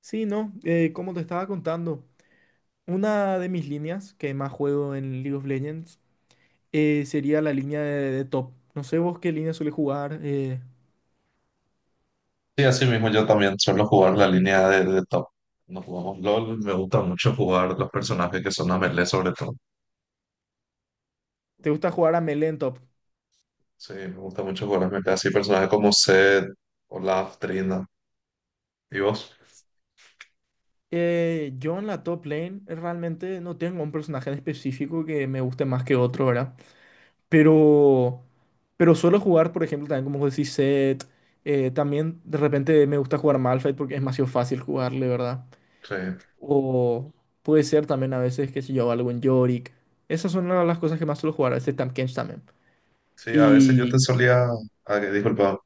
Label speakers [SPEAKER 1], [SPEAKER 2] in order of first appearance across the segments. [SPEAKER 1] Sí, no, Como te estaba contando, una de mis líneas que más juego en League of Legends sería la línea de top. No sé vos qué línea suele jugar.
[SPEAKER 2] Sí, así mismo yo también suelo jugar la línea de top. Nos jugamos LOL, me gusta mucho jugar los personajes que son a melee sobre todo.
[SPEAKER 1] ¿Te gusta jugar a melee en top?
[SPEAKER 2] Sí, me gusta mucho jugar a melee, así personajes como Zed, Olaf, Trina y vos.
[SPEAKER 1] Yo en la top lane realmente no tengo un personaje en específico que me guste más que otro, ¿verdad? Pero, pero suelo jugar, por ejemplo, también como vos decís, Zed. También de repente me gusta jugar Malphite porque es demasiado fácil jugarle, ¿verdad?
[SPEAKER 2] Sí,
[SPEAKER 1] O puede ser también a veces, qué sé yo, algo en Yorick. Esas son una de las cosas que más suelo jugar, este Tampkench también.
[SPEAKER 2] sí, a veces yo te
[SPEAKER 1] Y
[SPEAKER 2] solía, disculpa,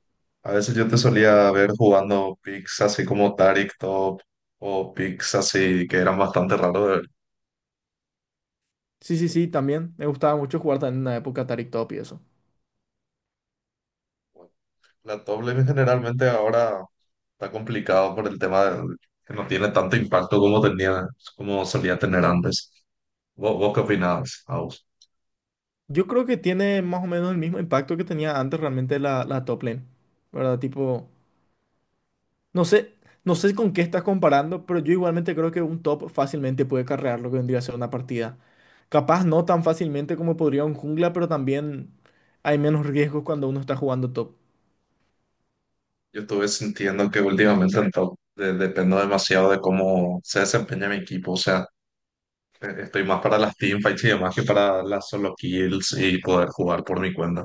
[SPEAKER 2] a veces yo te solía ver jugando picks así como Taric top o picks así que eran bastante raros de ver.
[SPEAKER 1] sí, sí, sí, también me gustaba mucho jugar también en una época Taric Top y eso.
[SPEAKER 2] La top lane generalmente ahora está complicado por el tema de que no tiene tanto impacto como tenía, como solía tener antes. ¿Vos qué opinabas, Aus?
[SPEAKER 1] Yo creo que tiene más o menos el mismo impacto que tenía antes realmente la top lane, ¿verdad? Tipo, no sé, no sé con qué estás comparando, pero yo igualmente creo que un top fácilmente puede carrear lo que vendría a ser una partida. Capaz no tan fácilmente como podría un jungla, pero también hay menos riesgos cuando uno está jugando top.
[SPEAKER 2] Yo estuve sintiendo que últimamente en top dependo demasiado de cómo se desempeña mi equipo. O sea, estoy más para las teamfights y demás que para las solo kills y poder jugar por mi cuenta.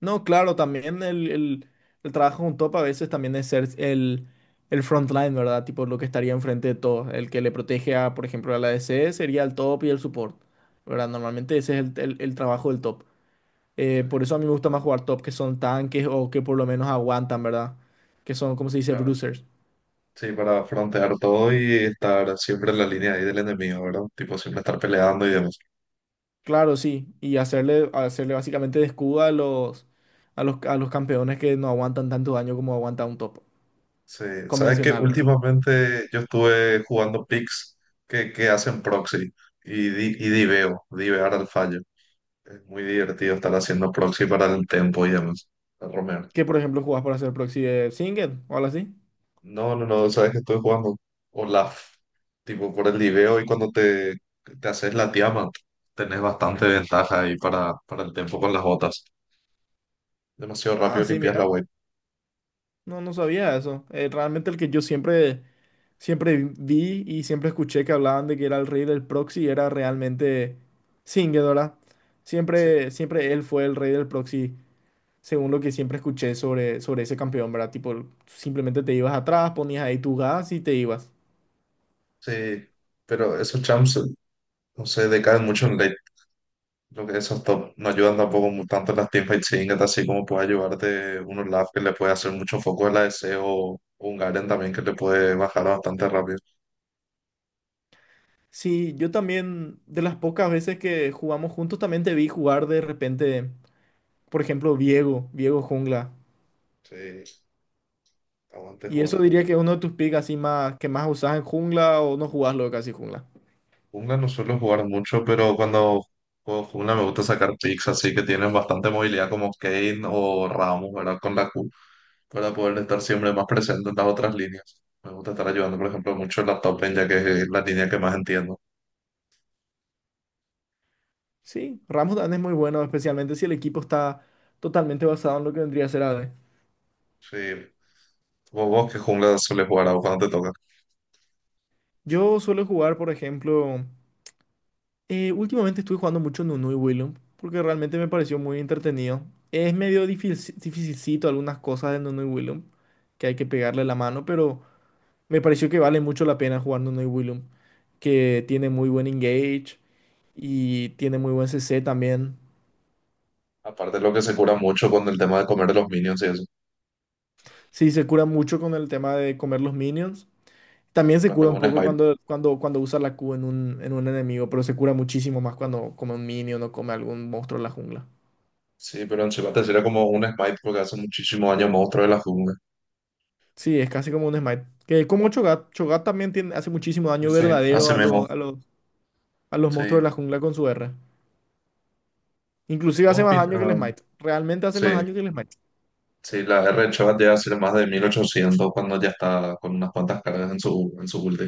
[SPEAKER 1] No, claro, también el trabajo con top a veces también es ser el frontline, ¿verdad? Tipo lo que estaría enfrente de todo. El que le protege a, por ejemplo, a la ADC sería el top y el support, ¿verdad? Normalmente ese es el trabajo del top.
[SPEAKER 2] Sí,
[SPEAKER 1] Por eso a mí me gusta más jugar top que son tanques o que por lo menos aguantan, ¿verdad? Que son, como se dice?
[SPEAKER 2] claro.
[SPEAKER 1] Bruisers.
[SPEAKER 2] Sí, para frontear todo y estar siempre en la línea ahí del enemigo, ¿verdad? Tipo, siempre estar peleando y demás.
[SPEAKER 1] Claro, sí. Y hacerle, hacerle básicamente de escudo a a los campeones que no aguantan tanto daño como aguanta un top
[SPEAKER 2] Sí, sabes que
[SPEAKER 1] convencional, ¿verdad?
[SPEAKER 2] últimamente yo estuve jugando picks que hacen proxy y diveo, divear al fallo. Es muy divertido estar haciendo proxy para el tempo y demás, el Romero.
[SPEAKER 1] ¿Qué, por ejemplo, jugás para hacer proxy de single o algo así?
[SPEAKER 2] No, no, no, sabes que estoy jugando Olaf, tipo por el diveo y cuando te haces la tiama, tenés bastante ventaja ahí para, el tempo con las botas. Demasiado
[SPEAKER 1] Ah,
[SPEAKER 2] rápido
[SPEAKER 1] sí,
[SPEAKER 2] limpias
[SPEAKER 1] mira.
[SPEAKER 2] la web.
[SPEAKER 1] No, no sabía eso. Realmente el que yo siempre vi y siempre escuché que hablaban de que era el rey del proxy era realmente Singed, ¿verdad?
[SPEAKER 2] Sí,
[SPEAKER 1] Siempre él fue el rey del proxy, según lo que siempre escuché sobre ese campeón, ¿verdad? Tipo, simplemente te ibas atrás, ponías ahí tu gas y te ibas.
[SPEAKER 2] sí, pero esos champs, no sé, decaen mucho en late. Creo que esos top no ayudan tampoco tanto en las teamfights singles, así como puede ayudarte un Olaf que le puede hacer mucho foco a la ADC o un Garen también que le puede bajar bastante rápido.
[SPEAKER 1] Sí, yo también, de las pocas veces que jugamos juntos, también te vi jugar de repente, por ejemplo, Viego Jungla.
[SPEAKER 2] Sí, aguante
[SPEAKER 1] Y
[SPEAKER 2] jugar
[SPEAKER 1] eso diría
[SPEAKER 2] jungla.
[SPEAKER 1] que es uno de tus picks así más que más usás en jungla o no jugás lo de casi jungla.
[SPEAKER 2] Jungla no suelo jugar mucho, pero cuando juego jungla me gusta sacar picks así que tienen bastante movilidad como Kane o Ramos, ¿verdad? Con la Q, para poder estar siempre más presente en las otras líneas. Me gusta estar ayudando, por ejemplo, mucho en la top lane, ya que es la línea que más entiendo.
[SPEAKER 1] Sí, Ramos dan es muy bueno, especialmente si el equipo está totalmente basado en lo que vendría a ser AD.
[SPEAKER 2] Sí. ¿Vos qué jungla sueles jugar a vos cuando te toca?
[SPEAKER 1] Yo suelo jugar, por ejemplo, últimamente estuve jugando mucho Nunu y Willem porque realmente me pareció muy entretenido. Es medio difícil, dificilcito algunas cosas de Nunu y Willem que hay que pegarle la mano, pero me pareció que vale mucho la pena jugar Nunu y Willem que tiene muy buen engage y tiene muy buen CC también.
[SPEAKER 2] Aparte de lo que se cura mucho con el tema de comer de los minions y eso.
[SPEAKER 1] Sí, se cura mucho con el tema de comer los minions. También
[SPEAKER 2] Y
[SPEAKER 1] se
[SPEAKER 2] cuenta
[SPEAKER 1] cura
[SPEAKER 2] como
[SPEAKER 1] un
[SPEAKER 2] un
[SPEAKER 1] poco
[SPEAKER 2] smite.
[SPEAKER 1] cuando usa la Q en en un enemigo, pero se cura muchísimo más cuando come un minion o come algún monstruo en la jungla.
[SPEAKER 2] Sí, pero en Chiba te sería como un smite porque hace muchísimo daño monstruo de la jungla.
[SPEAKER 1] Sí, es casi como un smite. Que como Cho'Gath, Cho'Gath también tiene, hace muchísimo
[SPEAKER 2] Y
[SPEAKER 1] daño
[SPEAKER 2] sí, hace
[SPEAKER 1] verdadero a
[SPEAKER 2] mismo.
[SPEAKER 1] a los monstruos
[SPEAKER 2] Sí.
[SPEAKER 1] de la jungla con su R. Inclusive hace
[SPEAKER 2] ¿Vos
[SPEAKER 1] más
[SPEAKER 2] opin-
[SPEAKER 1] daño que el
[SPEAKER 2] ah,
[SPEAKER 1] smite. Realmente hace más
[SPEAKER 2] sí,
[SPEAKER 1] daño que el smite.
[SPEAKER 2] sí, la R de Chiba llega a ser más de 1800 cuando ya está con unas cuantas cargas en su ulti.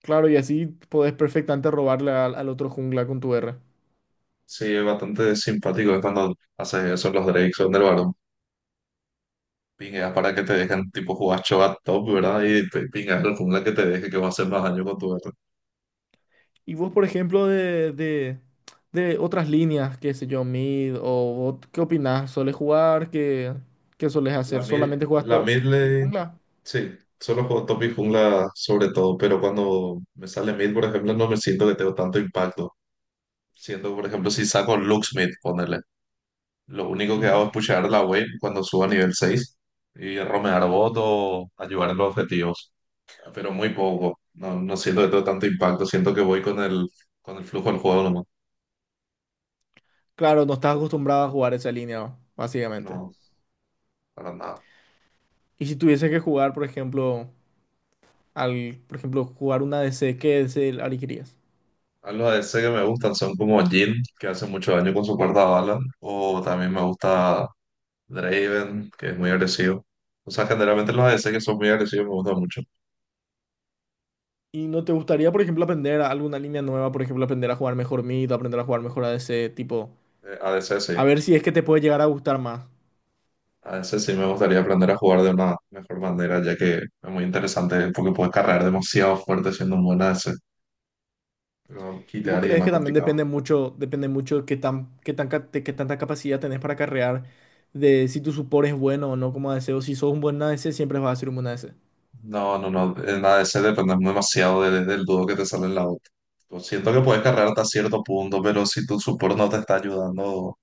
[SPEAKER 1] Claro, y así podés perfectamente robarle al, al otro jungla con tu R.
[SPEAKER 2] Sí, es bastante simpático es cuando haces eso los Drakes son del varón. Pingueas para que te dejen, tipo, jugar Cho'Gath top, ¿verdad? Y te pingas el jungla que te deje que va a hacer más daño con tu R.
[SPEAKER 1] Y vos, por ejemplo, de otras líneas, qué sé yo, mid, o ¿qué opinás? ¿Solés jugar? ¿Qué, qué solés
[SPEAKER 2] La
[SPEAKER 1] hacer?
[SPEAKER 2] mid,
[SPEAKER 1] ¿Solamente juegas
[SPEAKER 2] la
[SPEAKER 1] top
[SPEAKER 2] mid
[SPEAKER 1] y
[SPEAKER 2] lane
[SPEAKER 1] jungla?
[SPEAKER 2] Sí, solo juego top y jungla sobre todo, pero cuando me sale mid, por ejemplo, no me siento que tengo tanto impacto. Siendo, por ejemplo, si saco Lux mid, ponerle. Lo único que hago
[SPEAKER 1] Ujú.
[SPEAKER 2] es pushar la wave cuando subo a nivel 6 y romear bot o ayudar en los objetivos, pero muy poco. No, no siento que tengo tanto impacto, siento que voy con el flujo del juego nomás.
[SPEAKER 1] Claro, no estás acostumbrado a jugar esa línea, básicamente.
[SPEAKER 2] No, para nada.
[SPEAKER 1] Y si tuvieses que jugar, por ejemplo, jugar una DC, ¿qué DC elegirías?
[SPEAKER 2] A los ADC que me gustan son como Jhin, que hace mucho daño con su cuarta bala, o también me gusta Draven, que es muy agresivo. O sea, generalmente los ADC que son muy agresivos me gustan mucho.
[SPEAKER 1] ¿Y no te gustaría, por ejemplo, aprender alguna línea nueva? Por ejemplo, aprender a jugar mejor mid, aprender a jugar mejor a ADC, tipo,
[SPEAKER 2] ADC sí.
[SPEAKER 1] a ver si es que te puede llegar a gustar más.
[SPEAKER 2] ADC sí me gustaría aprender a jugar de una mejor manera, ya que es muy interesante porque puedes cargar demasiado fuerte siendo un buen ADC. Pero
[SPEAKER 1] ¿Y vos
[SPEAKER 2] quitear y es
[SPEAKER 1] crees
[SPEAKER 2] más
[SPEAKER 1] que también
[SPEAKER 2] complicado.
[SPEAKER 1] depende mucho qué tanta capacidad tenés para carrear, de si tu support es bueno o no como ADC, o si sos un buen ADC, siempre vas a ser un buen ADC?
[SPEAKER 2] No, no, no. En ADC depende demasiado del dúo que te sale en la otra. Siento que puedes cargar hasta cierto punto, pero si tu support no te está ayudando,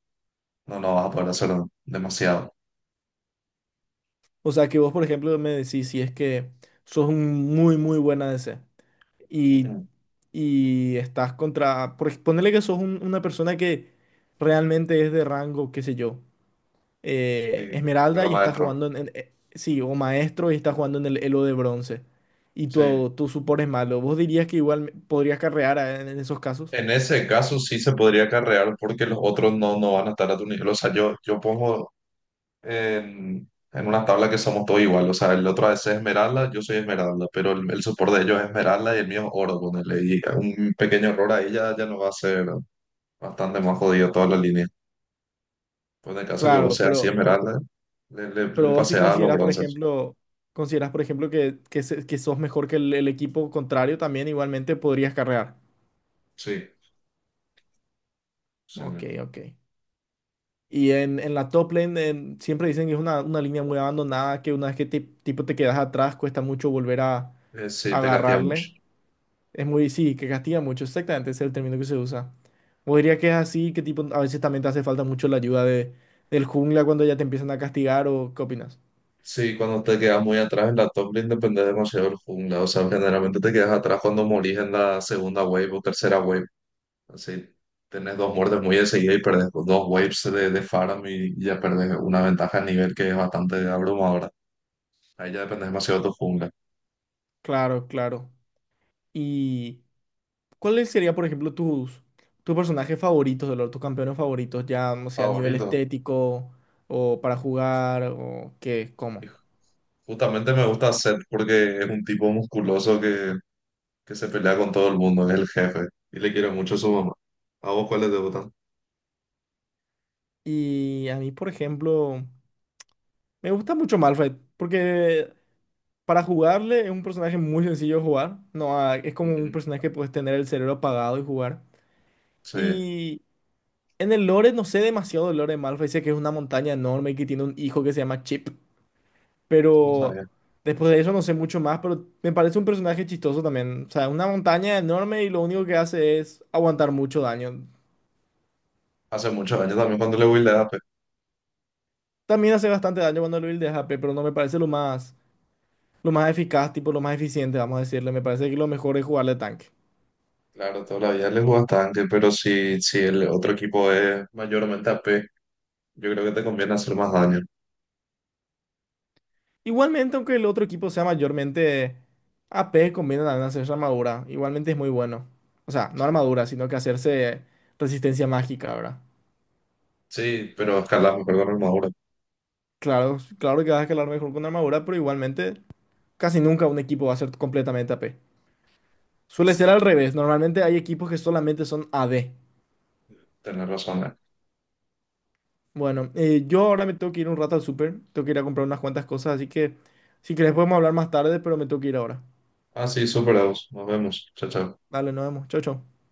[SPEAKER 2] no, no vas a poder hacer demasiado.
[SPEAKER 1] O sea, que vos, por ejemplo, me decís si es que sos un muy buen ADC y,
[SPEAKER 2] Ujú.
[SPEAKER 1] y estás contra, ponele que sos una persona que realmente es de rango, qué sé yo,
[SPEAKER 2] Sí,
[SPEAKER 1] Esmeralda
[SPEAKER 2] ¿verdad,
[SPEAKER 1] y está
[SPEAKER 2] maestro?
[SPEAKER 1] jugando o Maestro y está jugando en el Elo de bronce. Y
[SPEAKER 2] Sí.
[SPEAKER 1] tu support es malo. ¿Vos dirías que igual podrías carrear en esos casos?
[SPEAKER 2] En ese caso sí se podría acarrear porque los otros no, no van a estar a tu nivel. O sea, yo pongo en, una tabla que somos todos igual. O sea, el otro a veces es esmeralda, yo soy esmeralda, pero el support de ellos es esmeralda y el mío es oro, ponele. Y un pequeño error ahí ya nos va a ser bastante más jodido toda la línea. Pues en el caso que vos
[SPEAKER 1] Claro,
[SPEAKER 2] seas así
[SPEAKER 1] pero,
[SPEAKER 2] esmeralda, le, le,
[SPEAKER 1] pero
[SPEAKER 2] le
[SPEAKER 1] vos si
[SPEAKER 2] pasé a los
[SPEAKER 1] consideras, por
[SPEAKER 2] bronces.
[SPEAKER 1] ejemplo, consideras, por ejemplo, que sos mejor que el equipo contrario, también igualmente podrías carrear.
[SPEAKER 2] Sí, sí.
[SPEAKER 1] Ok, ok. Y en la top lane siempre dicen que es una línea muy abandonada, que una vez que tipo te quedas atrás cuesta mucho volver a
[SPEAKER 2] Sí, te castiga mucho.
[SPEAKER 1] agarrarle. Es muy, sí, que castiga mucho, exactamente, ese es el término que se usa. O diría que es así, que tipo, a veces también te hace falta mucho la ayuda de, del jungla cuando ya te empiezan a castigar o qué opinas.
[SPEAKER 2] Sí, cuando te quedas muy atrás en la top lane depende demasiado del jungla. O sea, generalmente te quedas atrás cuando morís en la segunda wave o tercera wave. Así, tenés dos muertes muy de seguida y perdés con dos waves de Pharah y ya perdés una ventaja a nivel que es bastante abrumadora. Ahí ya depende demasiado de tu jungla.
[SPEAKER 1] Claro, claro. ¿Y cuáles serían, por ejemplo, tus personajes favoritos de LoL, tus campeones favoritos, ya, no sea, a nivel
[SPEAKER 2] Favorito.
[SPEAKER 1] estético o para jugar o qué,
[SPEAKER 2] Y
[SPEAKER 1] cómo?
[SPEAKER 2] justamente me gusta Zed porque es un tipo musculoso que se pelea con todo el mundo, es el jefe. Y le quiero mucho a su mamá. ¿A vos cuáles te gustan?
[SPEAKER 1] Y a mí, por ejemplo, me gusta mucho Malphite, porque para jugarle es un personaje muy sencillo de jugar. No, ah, es como un
[SPEAKER 2] Ujú.
[SPEAKER 1] personaje que puedes tener el cerebro apagado y jugar.
[SPEAKER 2] Sí, eso
[SPEAKER 1] Y en el lore no sé demasiado del lore de Malphite. Sé que es una montaña enorme y que tiene un hijo que se llama Chip.
[SPEAKER 2] no
[SPEAKER 1] Pero
[SPEAKER 2] sabía.
[SPEAKER 1] después de eso no sé mucho más. Pero me parece un personaje chistoso también. O sea, una montaña enorme y lo único que hace es aguantar mucho daño.
[SPEAKER 2] Hace muchos años también cuando le voy a.
[SPEAKER 1] También hace bastante daño cuando lo buildeas AP, pero no me parece lo más eficaz, tipo lo más eficiente, vamos a decirle. Me parece que lo mejor es jugarle tanque.
[SPEAKER 2] Claro, todavía les juegas tanque, pero si el otro equipo es mayormente a AP, yo creo que te conviene hacer más daño.
[SPEAKER 1] Igualmente, aunque el otro equipo sea mayormente AP, conviene también hacerse armadura. Igualmente es muy bueno. O sea, no
[SPEAKER 2] Sí,
[SPEAKER 1] armadura, sino que hacerse resistencia mágica, ¿verdad?
[SPEAKER 2] sí, pero escalas mejor con armadura.
[SPEAKER 1] Claro, claro que vas a escalar mejor con armadura, pero igualmente casi nunca un equipo va a ser completamente AP. Suele ser al
[SPEAKER 2] Así,
[SPEAKER 1] revés. Normalmente hay equipos que solamente son AD.
[SPEAKER 2] tenés razón.
[SPEAKER 1] Bueno, yo ahora me tengo que ir un rato al súper. Tengo que ir a comprar unas cuantas cosas, así que si querés podemos hablar más tarde, pero me tengo que ir ahora.
[SPEAKER 2] Ah, sí, superados. Nos vemos. Chao, chao.
[SPEAKER 1] Dale, nos vemos. Chau, chau.